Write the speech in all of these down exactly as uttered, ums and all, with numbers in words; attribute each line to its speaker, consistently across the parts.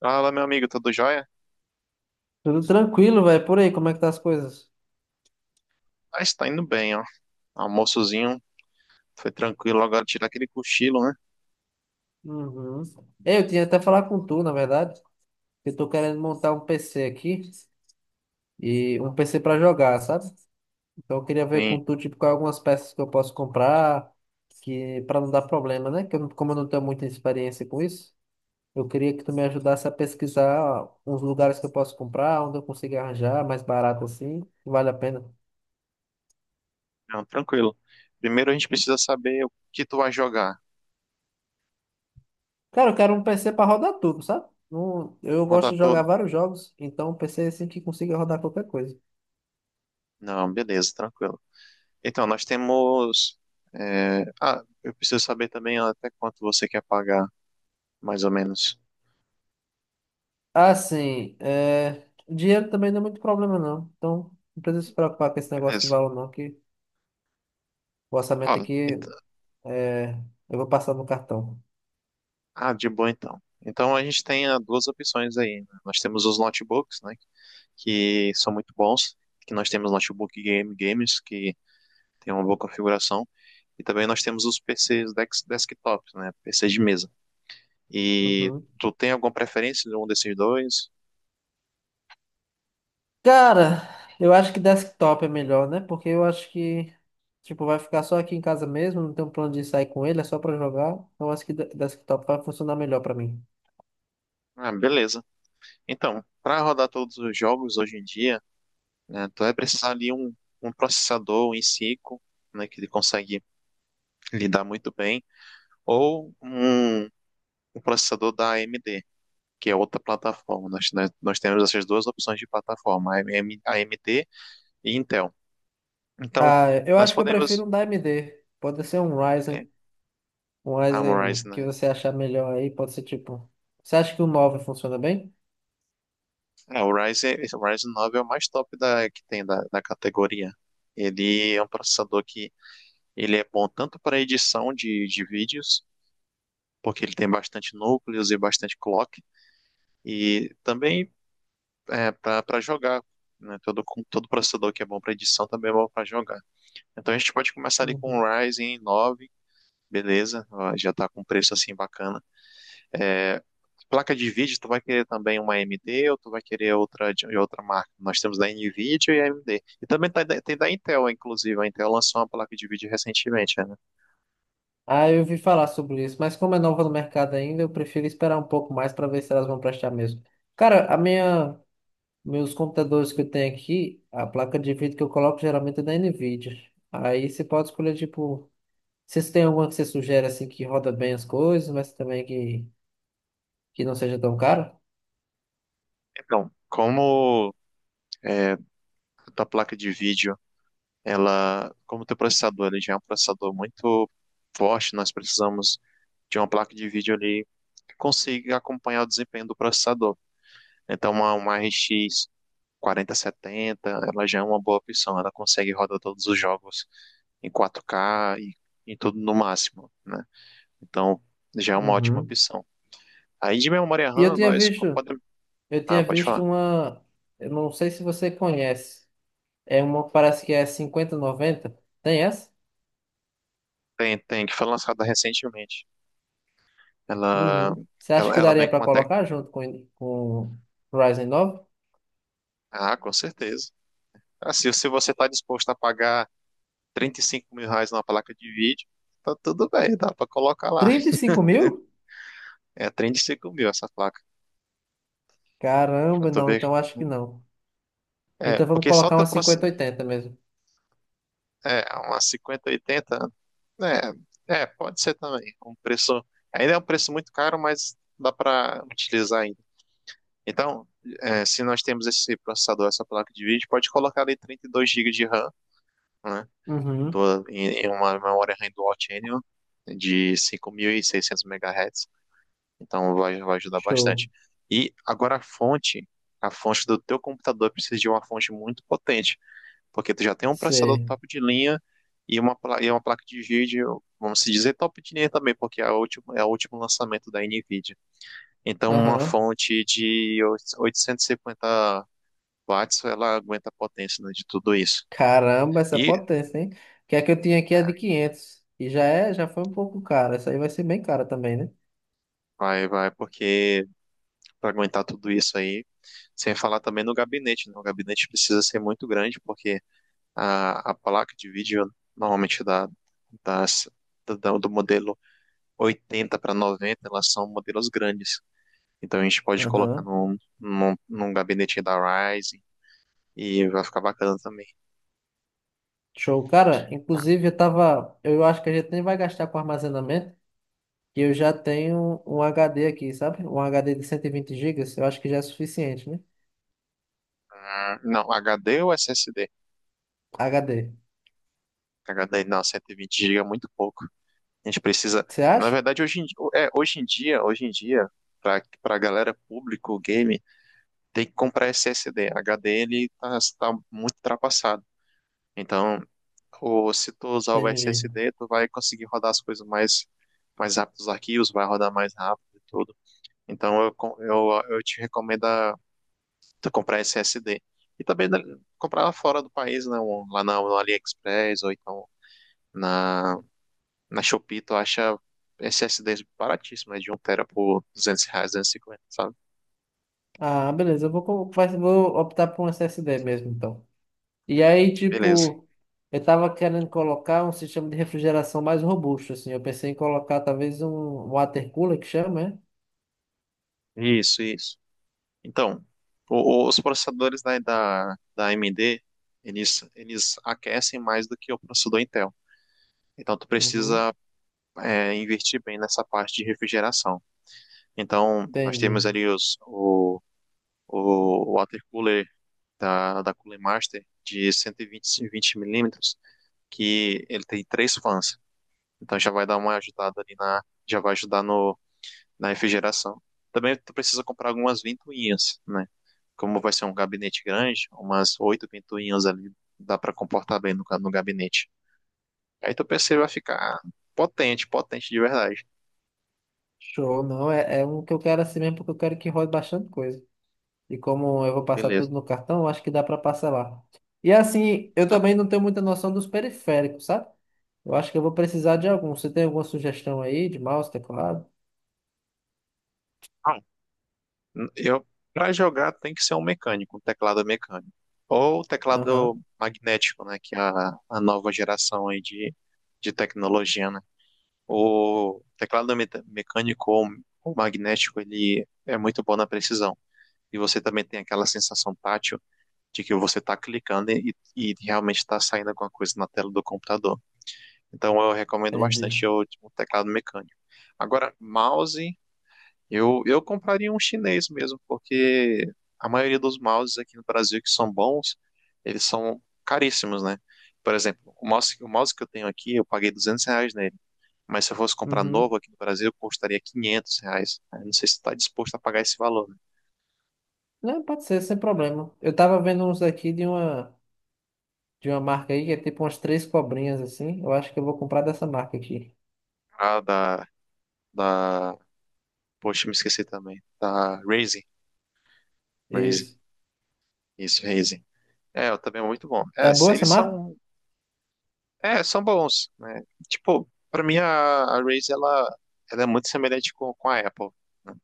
Speaker 1: Fala, meu amigo, tudo jóia?
Speaker 2: Tudo tranquilo, velho. Por aí, como é que tá as coisas?
Speaker 1: Ah, está indo bem, ó. Almoçozinho, foi tranquilo. Agora tirar aquele cochilo, né?
Speaker 2: Uhum. É, Eu tinha até falar com tu, na verdade, que eu tô querendo montar um P C aqui e um P C pra jogar, sabe? Então eu queria ver
Speaker 1: Sim,
Speaker 2: com tu, tipo, quais algumas peças que eu posso comprar, que para não dar problema, né? Que eu não- Como eu não tenho muita experiência com isso, eu queria que tu me ajudasse a pesquisar uns lugares que eu posso comprar, onde eu consigo arranjar mais barato assim, que vale a pena.
Speaker 1: não, tranquilo. Primeiro a gente precisa saber o que tu vai jogar.
Speaker 2: Cara, eu quero um P C pra rodar tudo, sabe? Não- eu gosto
Speaker 1: Rodar
Speaker 2: de jogar
Speaker 1: todo.
Speaker 2: vários jogos, então um P C assim que consiga rodar qualquer coisa.
Speaker 1: Não, beleza, tranquilo. Então, nós temos. é, Ah, eu preciso saber também até quanto você quer pagar, mais ou menos.
Speaker 2: Assim, é, dinheiro também não é muito problema, não. Então, não precisa se preocupar com esse negócio de
Speaker 1: Beleza.
Speaker 2: valor, não, que o
Speaker 1: Ó,
Speaker 2: orçamento aqui
Speaker 1: então-
Speaker 2: é, eu vou passar no cartão.
Speaker 1: Ah, de boa então. Então a gente tem ah, duas opções aí, né? Nós temos os notebooks, né? Que são muito bons. Que nós temos notebook game games que tem uma boa configuração. E também nós temos os P Cs dex- desktops, né? P Cs de mesa. E
Speaker 2: Uhum.
Speaker 1: tu tem alguma preferência de um desses dois?
Speaker 2: Cara, eu acho que desktop é melhor, né? Porque eu acho que, tipo, vai ficar só aqui em casa mesmo, não tem um plano de sair com ele, é só pra jogar. Então, eu acho que de- desktop vai funcionar melhor pra mim.
Speaker 1: Ah, beleza. Então, para rodar todos os jogos hoje em dia, né, tu vai precisar ali um, um processador em cinco, né, que ele consegue lidar muito bem, ou um, um processador da A M D, que é outra plataforma. Nós, nós, nós temos essas duas opções de plataforma, AM- A M D e Intel. Então,
Speaker 2: Ah, eu
Speaker 1: nós
Speaker 2: acho que eu prefiro
Speaker 1: podemos.
Speaker 2: um da A M D. Pode ser um
Speaker 1: É,
Speaker 2: Ryzen. Um
Speaker 1: Amorize,
Speaker 2: Ryzen que
Speaker 1: né?
Speaker 2: você achar melhor aí. Pode ser tipo. Você acha que o nove funciona bem?
Speaker 1: É, o Ryzen, o Ryzen nove é o mais top da, que tem da, da categoria. Ele é um processador que ele é bom tanto para edição de, de vídeos, porque ele tem bastante núcleos e bastante clock, e também é, para jogar. Né? Todo, com- todo processador que é bom para edição também é bom para jogar. Então a gente pode começar ali com o
Speaker 2: Uhum.
Speaker 1: Ryzen nove, beleza? Ó, já está com um preço assim bacana. É, Placa de vídeo, tu vai querer também uma A M D ou tu vai querer outra de de outra marca? Nós temos da Nvidia e A M D. E também tá da- tem da Intel, inclusive. A Intel lançou uma placa de vídeo recentemente, né?
Speaker 2: Ah, eu ouvi falar sobre isso, mas como é nova no mercado ainda, eu prefiro esperar um pouco mais para ver se elas vão prestar mesmo. Cara, a minha, meus computadores que eu tenho aqui, a placa de vídeo que eu coloco geralmente é da Nvidia. Aí você pode escolher, tipo, se tem alguma que você sugere assim que roda bem as coisas, mas também que, que não seja tão cara.
Speaker 1: Então, como é, da placa de vídeo, ela, como o teu processador, ele já é um processador muito forte, nós precisamos de uma placa de vídeo ali que consiga acompanhar o desempenho do processador. Então, uma, uma R X quarenta setenta ela já é uma boa opção. Ela consegue rodar todos os jogos em quatro k e em tudo no máximo, né? Então, já é uma ótima
Speaker 2: Uhum.
Speaker 1: opção. Aí de memória
Speaker 2: E eu
Speaker 1: RAM,
Speaker 2: tinha
Speaker 1: nós
Speaker 2: visto,
Speaker 1: co- podemos.
Speaker 2: eu
Speaker 1: Ah,
Speaker 2: tinha
Speaker 1: pode
Speaker 2: visto
Speaker 1: falar.
Speaker 2: uma, eu não sei se você conhece, é uma, parece que é cinquenta noventa, tem essa?
Speaker 1: Tem, tem, que foi lançada recentemente. Ela,
Speaker 2: Uhum. Você acha
Speaker 1: ela,
Speaker 2: que
Speaker 1: ela vem
Speaker 2: daria
Speaker 1: com
Speaker 2: para
Speaker 1: uma tec...
Speaker 2: colocar junto com, com o Ryzen nove?
Speaker 1: Ah, com certeza. Ah, se, se você está disposto a pagar trinta e cinco mil reais numa placa de vídeo, tá tudo bem, dá para colocar lá.
Speaker 2: Trinta e cinco mil?
Speaker 1: É trinta e cinco mil essa placa, pra
Speaker 2: Caramba,
Speaker 1: tu
Speaker 2: não,
Speaker 1: ver,
Speaker 2: então acho
Speaker 1: né?
Speaker 2: que não.
Speaker 1: É,
Speaker 2: Então vamos
Speaker 1: porque só
Speaker 2: colocar
Speaker 1: teu,
Speaker 2: uma cinquenta oitenta mesmo.
Speaker 1: É, umas cinquenta oitenta. É, é, pode ser também. Um preço, ainda é um preço muito caro, mas dá para utilizar ainda. Então, é, se nós temos esse processador, essa placa de vídeo, pode colocar ali trinta e dois gigas de RAM, né?
Speaker 2: Uhum.
Speaker 1: Do, em, em uma memória RAM Dual Channel de cinco mil e seiscentos megahertz. Então, vai, vai ajudar bastante.
Speaker 2: Show.
Speaker 1: E agora a fonte, a fonte do teu computador precisa de uma fonte muito potente porque tu já tem um processador
Speaker 2: Sei.
Speaker 1: top de linha e uma, pla- e uma placa de vídeo, vamos se dizer top de linha também, porque é a última, é o último lançamento da NVIDIA. Então, uma
Speaker 2: Aham.
Speaker 1: fonte de oitocentos e cinquenta watts, ela aguenta a potência, né, de tudo isso.
Speaker 2: Caramba, essa
Speaker 1: E
Speaker 2: potência, hein? Que a que eu tinha aqui é de quinhentos. E já é, já foi um pouco cara. Essa aí vai ser bem cara também, né?
Speaker 1: vai, vai, porque para aguentar tudo isso aí, sem falar também no gabinete, né? O gabinete precisa ser muito grande, porque a, a placa de vídeo, normalmente da, das, da- do modelo oitenta para noventa, elas são modelos grandes. Então a gente pode colocar
Speaker 2: Aham.
Speaker 1: num, num, num gabinete da Ryzen e vai ficar bacana também.
Speaker 2: Show. Cara,
Speaker 1: Tá?
Speaker 2: inclusive eu tava. Eu acho que a gente nem vai gastar com armazenamento, que eu já tenho um H D aqui, sabe? Um H D de cento e vinte gigas, eu acho que já é suficiente, né?
Speaker 1: Ah, não, HD ou SSD?
Speaker 2: H D.
Speaker 1: HD não, cento e vinte gigas é muito pouco. A gente precisa,
Speaker 2: Você
Speaker 1: na
Speaker 2: acha?
Speaker 1: verdade, hoje em, di- é, hoje em dia, hoje em dia, para para galera público game, tem que comprar S S D. H D ele tá, tá muito ultrapassado. Então, o, se tu usar o
Speaker 2: Entendi.
Speaker 1: S S D, tu vai conseguir rodar as coisas mais mais rápido, os arquivos vai rodar mais rápido e tudo. Então, eu, con- eu, eu te recomendo a tu comprar S S D. E também né, comprar fora do país, né? um- Lá na, no AliExpress ou então na, na Shopee, tu acha S S Ds baratíssimo, né? De um tera por duzentos reais, duzentos e cinquenta, sabe?
Speaker 2: Ah, beleza, eu vou, co- vai- vou optar por um S S D mesmo, então. E aí,
Speaker 1: Beleza.
Speaker 2: tipo, eu tava querendo colocar um sistema de refrigeração mais robusto, assim. Eu pensei em colocar talvez um water cooler, que chama, né?
Speaker 1: Isso, isso. Então, o- o- os processadores da, da, da A M D, eles, eles aquecem mais do que o processador Intel. Então, tu
Speaker 2: Uhum.
Speaker 1: precisa é, investir bem nessa parte de refrigeração. Então, nós
Speaker 2: Entendi.
Speaker 1: temos ali os, o, o water cooler da, da Cooler Master de cento e vinte milímetros, que ele tem três fãs. Então já vai dar uma ajudada ali na, Já vai ajudar no, na refrigeração. Também tu precisa comprar algumas ventoinhas, né? Como vai ser um gabinete grande, umas oito ventoinhas ali dá para comportar bem no, no gabinete. Aí tu P C vai ficar potente, potente de verdade.
Speaker 2: Show, não, é, é um que eu quero assim mesmo, porque eu quero que rode bastante coisa. E como eu vou passar
Speaker 1: Beleza.
Speaker 2: tudo no cartão, eu acho que dá para parcelar. E assim, eu
Speaker 1: Tá.
Speaker 2: também não tenho muita noção dos periféricos, sabe? Eu acho que eu vou precisar de algum. Você tem alguma sugestão aí de mouse, teclado?
Speaker 1: Ah, Eu, para jogar tem que ser um mecânico, um teclado mecânico. Ou
Speaker 2: Aham,
Speaker 1: teclado magnético, né? Que é a, a nova geração aí de, de tecnologia, né? O teclado me- mecânico ou ou magnético, ele é muito bom na precisão. E você também tem aquela sensação tátil de que você está clicando e, e realmente está saindo alguma coisa na tela do computador. Então eu recomendo
Speaker 2: entendi.
Speaker 1: bastante o, o teclado mecânico. Agora, mouse eu, eu compraria um chinês mesmo, porque a maioria dos mouses aqui no Brasil que são bons, eles são caríssimos, né? Por exemplo, o mouse, o mouse que eu tenho aqui, eu paguei duzentos reais nele. Mas se eu fosse comprar novo
Speaker 2: Uhum.
Speaker 1: aqui no Brasil, custaria quinhentos reais. Eu não sei se está disposto a pagar esse valor, né?
Speaker 2: Não, pode ser, sem problema. Eu tava vendo uns aqui de uma, de uma marca aí que é tipo umas três cobrinhas assim. Eu acho que eu vou comprar dessa marca aqui.
Speaker 1: Ah, da, da... Poxa, me esqueci também. Da Razer. Razer.
Speaker 2: Isso.
Speaker 1: Isso, Razer. É, eu também é muito bom. É,
Speaker 2: É boa essa
Speaker 1: eles
Speaker 2: marca?
Speaker 1: são É, são bons, né? Tipo, pra mim a, a Razer, ela, ela é muito semelhante com, com a Apple, né?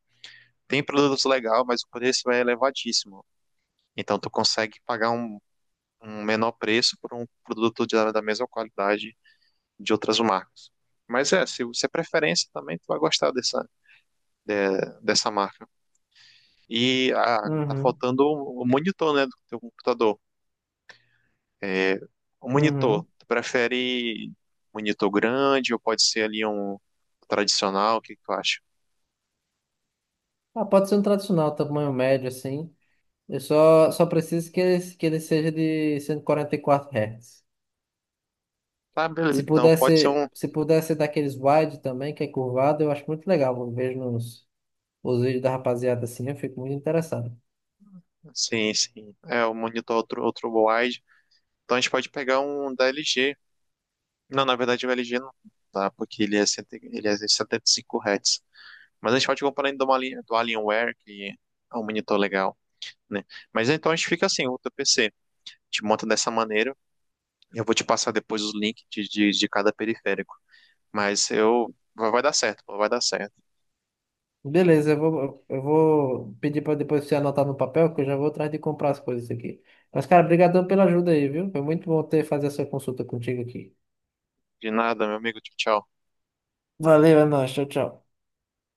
Speaker 1: Tem produtos legais, mas o preço é elevadíssimo. Então tu consegue pagar um, um menor preço por um produto de, da mesma qualidade de outras marcas. Mas é, se você é preferência também, tu vai gostar dessa, de- dessa marca. E ah, tá
Speaker 2: Uhum,
Speaker 1: faltando o o monitor, né, do teu computador. O monitor,
Speaker 2: uhum.
Speaker 1: tu prefere monitor grande ou pode ser ali um tradicional? O que que tu acha?
Speaker 2: Ah, pode ser um tradicional, tamanho médio assim. Eu só, só preciso que ele, que ele seja de cento e e quarenta e quatro Hz.
Speaker 1: Tá, beleza.
Speaker 2: Se
Speaker 1: Então, pode ser
Speaker 2: pudesse,
Speaker 1: um.
Speaker 2: se pudesse daqueles wide também, que é curvado, eu acho muito legal. Eu vejo nos, os vídeos da rapaziada assim, eu fico muito interessado.
Speaker 1: Sim, sim. É, o monitor outro, outro, wide. Então, a gente pode pegar um da L G. Não, na verdade, o L G não dá, porque ele é, setenta ele é setenta e cinco Hz. Mas a gente pode comprar ainda uma linha do Alienware, que é um monitor legal, né? Mas então a gente fica assim: o teu P C. Te monta dessa maneira. Eu vou te passar depois os links de, de de cada periférico. Mas eu. Vai vai dar certo, pô, vai dar certo.
Speaker 2: Beleza, eu vou, eu vou pedir para depois você anotar no papel, que eu já vou atrás de comprar as coisas aqui. Mas, cara, brigadão pela ajuda aí, viu? Foi muito bom ter fazer essa consulta contigo aqui.
Speaker 1: De nada, meu amigo. Tchau, tchau.
Speaker 2: Valeu, é nóis, tchau, tchau.